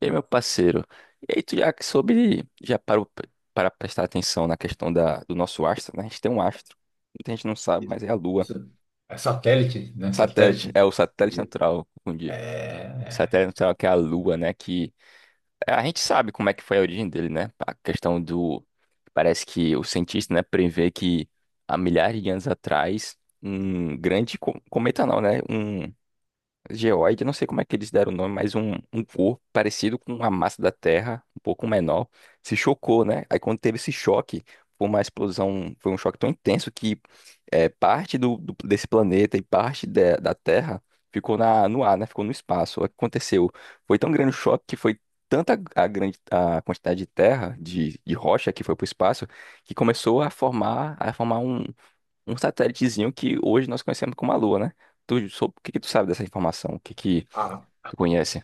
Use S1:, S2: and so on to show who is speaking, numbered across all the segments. S1: E aí, meu parceiro, e aí tu já que soube, já parou para prestar atenção na questão do nosso astro, né? A gente tem um astro, muita gente não sabe, mas
S2: Isso,
S1: é a Lua.
S2: isso é satélite, né?
S1: Satélite,
S2: Satélite.
S1: é o satélite
S2: Ele-
S1: natural, confundi. O satélite
S2: É,
S1: natural que é a Lua, né? Que é, a gente sabe como é que foi a origem dele, né? A questão do, parece que o cientista, né, prevê que há milhares de anos atrás, um grande cometa não, né? Um geoide, não sei como é que eles deram o nome, mas um corpo parecido com a massa da Terra, um pouco menor, se chocou, né? Aí quando teve esse choque, foi uma explosão, foi um choque tão intenso que é, parte do desse planeta e parte da Terra ficou na, no ar, né? Ficou no espaço. O que aconteceu? Foi tão grande o choque que foi tanta a grande a quantidade de terra, de rocha que foi para o espaço, que começou a formar um, satélitezinho que hoje nós conhecemos como a Lua, né? O que que tu sabe dessa informação? O que que
S2: a
S1: tu conhece?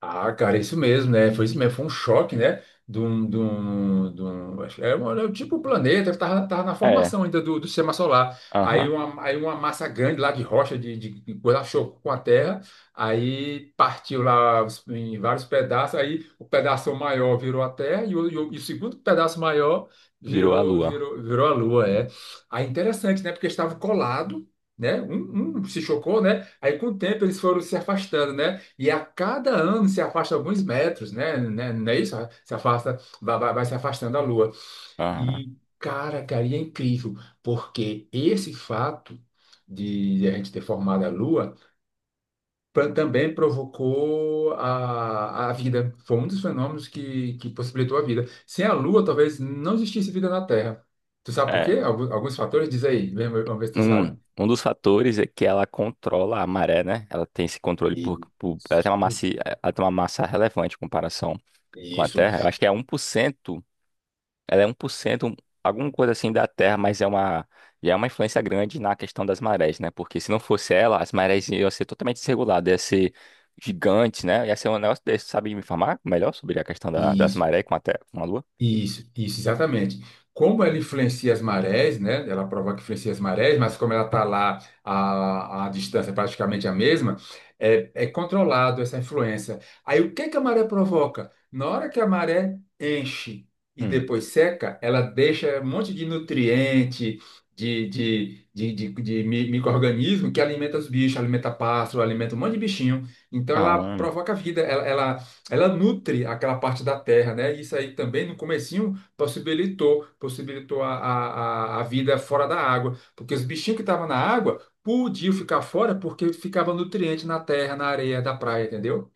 S2: Ah, cara, isso mesmo, né? Foi isso mesmo, foi um choque, né? Acho que era, era um tipo um planeta, ele tava na
S1: É,
S2: formação ainda do sistema solar. Aí
S1: aham,
S2: uma, aí uma massa grande lá de rocha, de coisa, chocou com a Terra, aí partiu lá em vários pedaços, aí o pedaço maior virou a Terra e o segundo pedaço maior
S1: virou a
S2: virou,
S1: Lua.
S2: virou, virou a Lua, é. Aí interessante, né? Porque estava colado, né? Um se chocou, né? Aí com o tempo eles foram se afastando, né? E a cada ano se afasta alguns metros, né? Não é isso? Se afasta, vai se afastando da Lua.
S1: Aham,
S2: E, cara, e é incrível, porque esse fato de a gente ter formado a Lua também provocou a vida. Foi um dos fenômenos que possibilitou a vida. Sem a Lua, talvez não existisse vida na Terra. Tu sabe por
S1: é.
S2: quê? Alguns fatores? Diz aí, vamos ver se tu sabe.
S1: Um, dos fatores é que ela controla a maré, né? Ela tem esse controle por,
S2: E-
S1: por- ela tem uma massa, ela tem uma massa relevante em comparação com a
S2: Isso.
S1: Terra. Eu acho que é 1%. Ela é 1%, um, alguma coisa assim da Terra, mas é uma, e é uma influência grande na questão das marés, né? Porque se não fosse ela, as marés iam ser totalmente desreguladas, ia ser gigante, né? Ia ser um negócio desse. Sabe me informar melhor sobre a questão das
S2: Isso.
S1: marés com a Terra, com a Lua?
S2: Isso, exatamente. Como ela influencia as marés, né? Ela provoca que influencia as marés, mas como ela está lá, a distância é praticamente a mesma, é, é controlado essa influência. Aí o que que a maré provoca? Na hora que a maré enche e
S1: Hum.
S2: depois seca, ela deixa um monte de nutriente, micro-organismo que alimenta os bichos, alimenta pássaro, alimenta um monte de bichinho. Então
S1: Ah,
S2: ela
S1: hum.
S2: provoca vida, ela nutre aquela parte da terra, né? E isso aí também no comecinho possibilitou a vida fora da água, porque os bichinhos que estavam na água podiam ficar fora porque ficava nutriente na terra, na areia da praia, entendeu?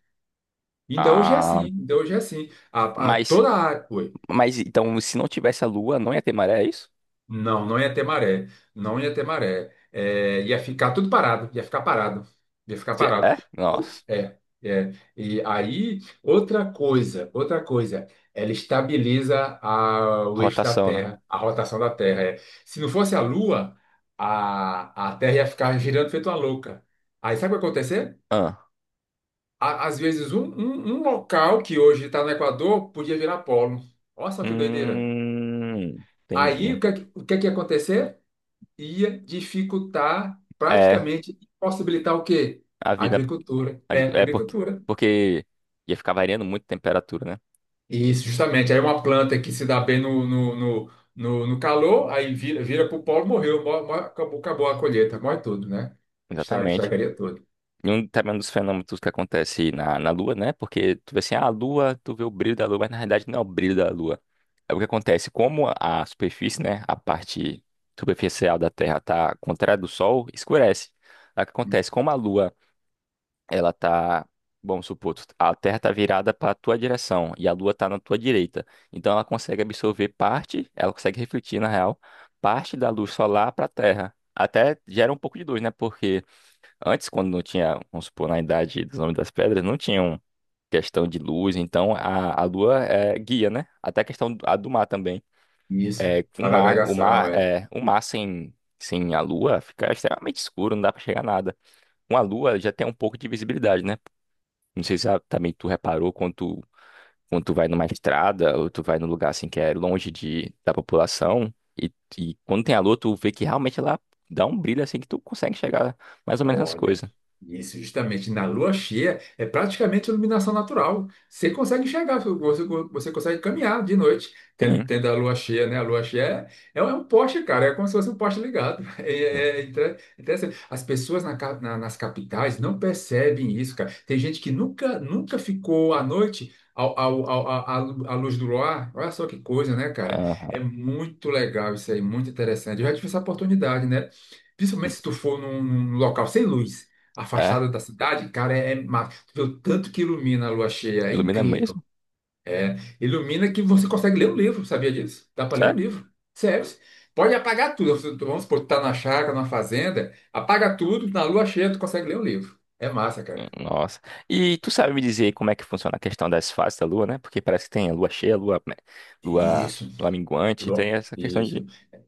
S2: Ainda hoje é assim,
S1: Ah,
S2: ainda hoje é assim.
S1: mas,
S2: Toda a área.
S1: mas então, se não tivesse a Lua, não ia ter maré, é isso?
S2: Não, não ia ter maré. Não ia ter maré. É, ia ficar tudo parado. Ia ficar parado. Ia ficar parado.
S1: É? Nossa.
S2: É, é. E aí, outra coisa, outra coisa. Ela estabiliza o eixo da
S1: Rotação, né?
S2: Terra, a rotação da Terra. É. Se não fosse a Lua, a Terra ia ficar girando feito uma louca. Aí sabe o que ia acontecer?
S1: Ah.
S2: Às vezes, um local que hoje está no Equador podia virar polo. Olha só que doideira. Aí,
S1: Entendi.
S2: o que é que ia acontecer? Ia dificultar,
S1: É,
S2: praticamente possibilitar o quê?
S1: a
S2: A
S1: vida.
S2: Agricultura. É, a
S1: É porque,
S2: agricultura.
S1: porque ia ficar variando muito a temperatura, né?
S2: Isso, justamente. Aí uma planta que se dá bem no calor, aí vira para o polo, morreu, acabou, acabou a colheita, morre tudo, né?
S1: Exatamente.
S2: Estragaria tudo.
S1: E um, também um dos fenômenos que acontece na, Lua, né? Porque tu vê assim, ah, a Lua, tu vê o brilho da Lua, mas na realidade não é o brilho da Lua. É o que acontece, como a superfície, né? A parte superficial da Terra tá contrária do Sol, escurece. É o que acontece, como a Lua ela tá, vamos supor, a Terra tá virada para a tua direção e a Lua tá na tua direita. Então ela consegue absorver parte, ela consegue refletir na real, parte da luz solar para a Terra. Até gera um pouco de luz, né? Porque antes, quando não tinha, vamos supor, na idade dos Homens das Pedras, não tinham questão de luz, então a, Lua é guia, né? Até a questão do, a do mar também.
S2: Isso.
S1: É,
S2: Para a
S1: o
S2: navegação,
S1: mar,
S2: é.
S1: é, o mar sem a Lua fica extremamente escuro, não dá para chegar a nada. Com a Lua já tem um pouco de visibilidade, né? Não sei se ah, também tu reparou quando tu vai numa estrada ou tu vai num lugar assim que é longe de, da população e, quando tem a lua tu vê que realmente ela dá um brilho assim que tu consegue chegar mais ou menos às
S2: Olha,
S1: coisas.
S2: isso justamente na lua cheia é praticamente iluminação natural. Você consegue enxergar, você consegue caminhar de noite, tendo,
S1: Sim.
S2: tendo a lua cheia, né? A lua cheia é um poste, cara, é como se fosse um poste ligado.
S1: Né?
S2: É, é interessante. As pessoas nas capitais não percebem isso, cara. Tem gente que nunca ficou à noite. À luz do luar, olha só que coisa, né, cara? É
S1: Aham.
S2: muito legal isso aí, muito interessante. Eu já tive essa oportunidade, né? Principalmente se tu for num local sem luz,
S1: É,
S2: afastada da cidade, cara, é mágico. Tu vê o tanto que ilumina a lua cheia, é
S1: ilumina
S2: incrível.
S1: mesmo?
S2: Ilumina que você consegue ler um livro, sabia disso? Dá para ler um
S1: Sério?
S2: livro. Sério. Pode apagar tudo. Se tu- vamos supor, tu tá na chácara, na fazenda, apaga tudo, na lua cheia tu consegue ler um livro. É massa, cara.
S1: Nossa. E tu sabe me dizer como é que funciona a questão das fases da lua, né? Porque parece que tem a lua cheia, lua, né, lua,
S2: Isso.
S1: lua minguante, tem essa questão de...
S2: Isso,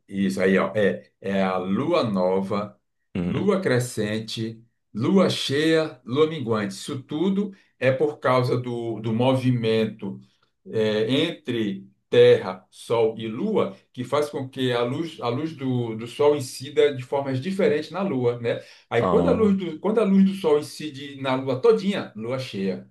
S2: isso aí, ó. É a lua nova,
S1: Hum.
S2: lua crescente, lua cheia, lua minguante. Isso tudo é por causa do movimento é, entre Terra, Sol e Lua, que faz com que a luz do Sol incida de formas diferentes na Lua, né? Aí quando
S1: Ah,
S2: quando a luz do Sol incide na Lua todinha, lua cheia.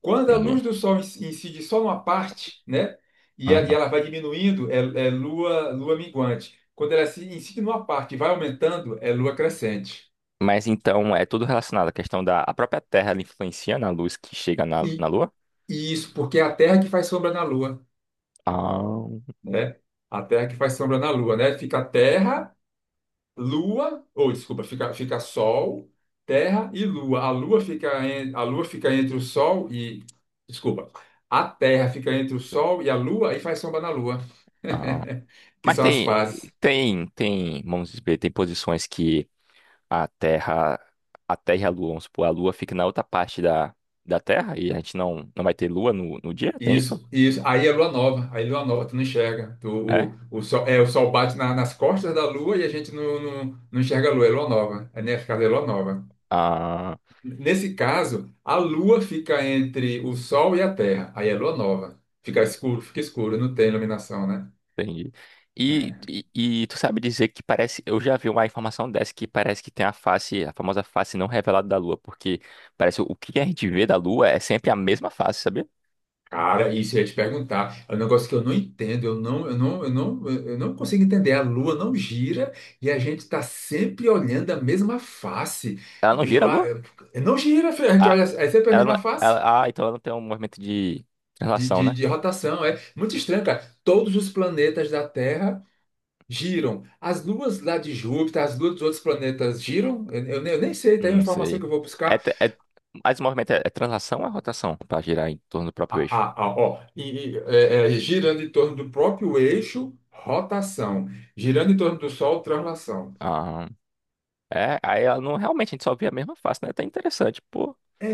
S2: Quando a
S1: entendi.
S2: luz do sol incide só numa parte, né? E a-
S1: Ah.
S2: e ela vai diminuindo, lua minguante. Quando ela se incide numa parte e vai aumentando, é lua crescente.
S1: Mas então é tudo relacionado à questão da a própria Terra ela influencia na luz que chega na,
S2: E,
S1: Lua?
S2: e isso porque é a Terra que faz sombra na Lua,
S1: Ah,
S2: né? A Terra que faz sombra na Lua, né? Fica Terra, Lua, ou desculpa, fica, fica Sol, Terra e Lua. A Lua fica, a Lua fica entre o Sol e, desculpa, a Terra fica entre o Sol e a Lua e faz sombra na Lua,
S1: ah.
S2: que
S1: Mas
S2: são as
S1: tem,
S2: fases.
S1: tem, vamos dizer, tem posições que a Terra, e a Lua, vamos supor, a Lua fica na outra parte da, Terra e a gente não, vai ter Lua no, dia? Tem isso?
S2: Isso, isso. Aí é lua nova, aí lua nova, tu não enxerga.
S1: É?
S2: Sol, é, o sol bate nas costas da lua e a gente não enxerga a lua, é lua nova. É, nesse caso, é lua nova.
S1: Ah.
S2: Nesse caso, a lua fica entre o sol e a terra, aí é lua nova. Fica escuro, não tem iluminação, né?
S1: Entendi. E, tu sabe dizer que parece. Eu já vi uma informação dessa que parece que tem a face, a famosa face não revelada da Lua, porque parece o que a gente vê da Lua é sempre a mesma face, sabia?
S2: Cara, isso eu ia te perguntar. É um negócio que eu não entendo, eu não consigo entender. A Lua não gira e a gente está sempre olhando a mesma face.
S1: Ela não gira
S2: Eu,
S1: a Lua?
S2: eu- não gira, filho, a gente
S1: Ah,
S2: olha, é sempre a
S1: ela
S2: mesma
S1: não-
S2: face
S1: ela- ah, então ela não tem um movimento de
S2: de,
S1: translação,
S2: de,
S1: né?
S2: de rotação. É muito estranho, cara. Todos os planetas da Terra giram. As luas lá de Júpiter, as luas dos outros planetas giram. Eu nem sei, tem uma
S1: Não
S2: informação
S1: sei.
S2: que eu vou
S1: É,
S2: buscar.
S1: é, mas o movimento é, é translação ou é rotação pra girar em torno do próprio
S2: Ah,
S1: eixo?
S2: ah, ah, ó, girando em torno do próprio eixo, rotação. Girando em torno do Sol, translação.
S1: Ah, é, aí ela não realmente a gente só vê a mesma face, né? Até interessante, pô.
S2: É,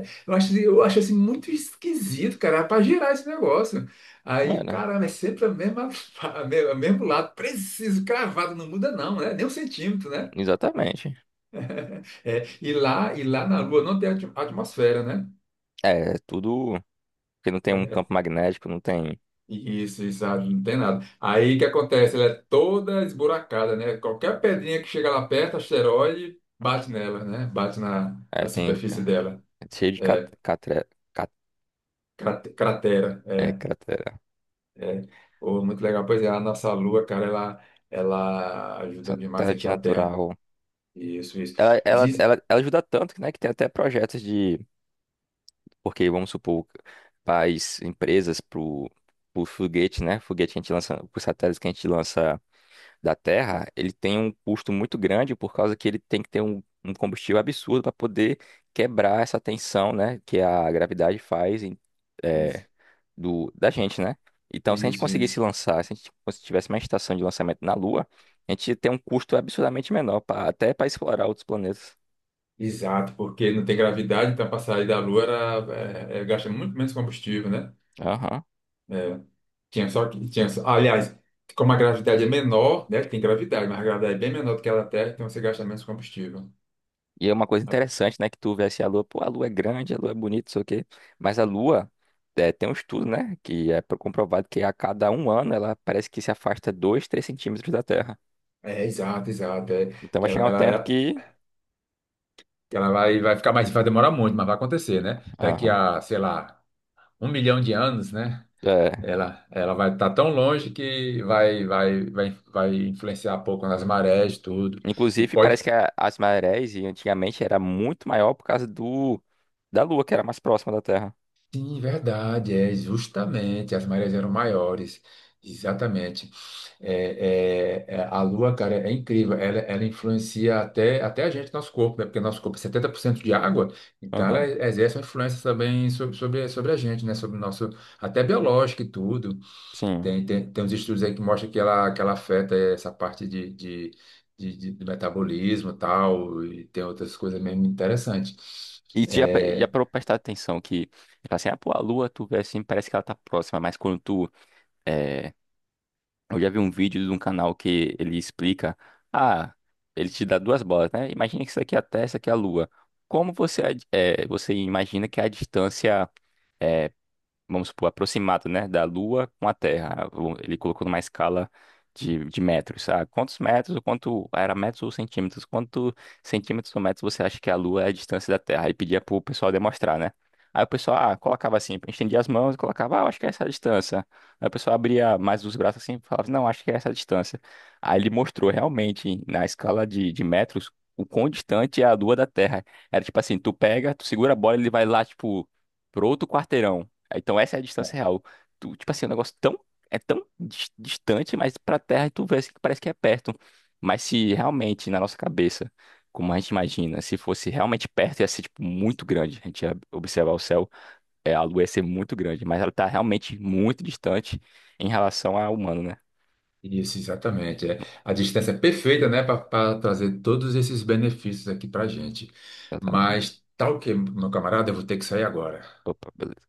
S2: é. Eu acho assim muito esquisito, cara, para girar esse negócio. Aí,
S1: Olha,
S2: cara é sempre a mesma, o mesmo lado, preciso, cravado, não muda não, né? Nem um centímetro, né?
S1: exatamente.
S2: É, e lá na Lua não tem atmosfera, né?
S1: É tudo. Porque não tem um
S2: É,
S1: campo magnético, não tem.
S2: isso, ah, não tem nada. Aí o que acontece? Ela é toda esburacada, né? Qualquer pedrinha que chega lá perto, asteroide, bate nela, né? Bate na,
S1: É,
S2: na
S1: tem
S2: superfície
S1: ca-
S2: dela.
S1: cheio de cat, catre- cat-
S2: Cratera,
S1: é,
S2: é,
S1: cratera.
S2: é. Pô, muito legal. Pois é, a nossa Lua, cara, ela ajuda demais
S1: Satélite
S2: aqui a Terra.
S1: natural.
S2: Isso, isso.
S1: Ela, ela,
S2: Diz,
S1: ela, ajuda tanto, né, que tem até projetos de. Porque, vamos supor, faz empresas pro, foguete, né? Foguete que a gente lança, pro satélite que a gente lança da Terra, ele tem um custo muito grande por causa que ele tem que ter um, combustível absurdo para poder quebrar essa tensão, né? Que a gravidade faz. Em
S2: isso,
S1: é, do, da gente, né? Então, se a gente
S2: isso.
S1: conseguisse
S2: Isso.
S1: lançar, se a gente cons- tivesse uma estação de lançamento na Lua, a gente ia ter um custo absurdamente menor, pra, até para explorar outros planetas.
S2: Exato, porque não tem gravidade, então para sair da Lua era, gasta muito menos combustível, né?
S1: Aham.
S2: É. Tinha só, aliás, como a gravidade é menor, né? Tem gravidade, mas a gravidade é bem menor do que ela da Terra, então você gasta menos combustível.
S1: E é uma coisa interessante, né? Que tu vê assim, a Lua, pô, a Lua é grande, a Lua é bonita, não sei o quê. Mas a Lua, é, tem um estudo, né? Que é comprovado que a cada um ano ela parece que se afasta 2, 3 centímetros da Terra.
S2: É, exato, exato. É.
S1: Então vai chegar
S2: ela,
S1: um
S2: ela,
S1: tempo
S2: ela
S1: que.
S2: ela vai, ficar mais, vai demorar muito, mas vai acontecer, né? Daqui
S1: Aham.
S2: a, sei lá, 1 milhão de anos, né?
S1: É,
S2: Ela vai estar tão longe que vai influenciar pouco nas marés, tudo. E
S1: inclusive,
S2: pode
S1: parece que as marés e antigamente era muito maior por causa do da Lua, que era mais próxima da Terra.
S2: sim, verdade, é justamente, as marés eram maiores, exatamente. A Lua, cara, é incrível, ela influencia até a gente, nosso corpo, né? Porque nosso corpo é 70% de água, então ela
S1: Aham,
S2: exerce uma influência também sobre a gente, né? Sobre o nosso, até biológico e tudo.
S1: sim.
S2: Tem uns estudos aí que mostram que ela, afeta essa parte de, do metabolismo e tal, e tem outras coisas mesmo interessantes.
S1: E tu já, já
S2: É,
S1: parou pra prestar atenção que, tipo assim, ah, pô, a Lua, tu vê assim, parece que ela tá próxima, mas quando tu, é, eu já vi um vídeo de um canal que ele explica, ah, ele te dá duas bolas, né? Imagina que isso aqui é a Terra, isso aqui é a Lua. Como você, é, você imagina que é a distância vamos supor, aproximado, né, da Lua com a Terra. Ele colocou numa escala de, metros. Ah, quantos metros, ou quanto ah, era metros ou centímetros? Quanto centímetros ou metros você acha que a Lua é a distância da Terra? Aí pedia pro pessoal demonstrar, né? Aí o pessoal, ah, colocava assim, estendia as mãos e colocava, ah, eu acho que é essa a distância. Aí o pessoal abria mais os braços assim e falava, não, acho que é essa a distância. Aí ele mostrou realmente, na escala de, metros, o quão distante é a Lua da Terra. Era tipo assim, tu pega, tu segura a bola, ele vai lá, tipo, pro outro quarteirão. Então essa é a distância real. Tu, tipo assim, o negócio tão, é tão distante, mas pra Terra tu vê assim que parece que é perto. Mas se realmente, na nossa cabeça, como a gente imagina, se fosse realmente perto, ia ser tipo muito grande. A gente ia observar o céu, é, a Lua ia ser muito grande, mas ela tá realmente muito distante em relação ao humano, né?
S2: isso, exatamente. É. A distância é perfeita, né, para trazer todos esses benefícios aqui para a gente.
S1: Exatamente.
S2: Mas, tal que, meu camarada, eu vou ter que sair agora.
S1: Opa, beleza.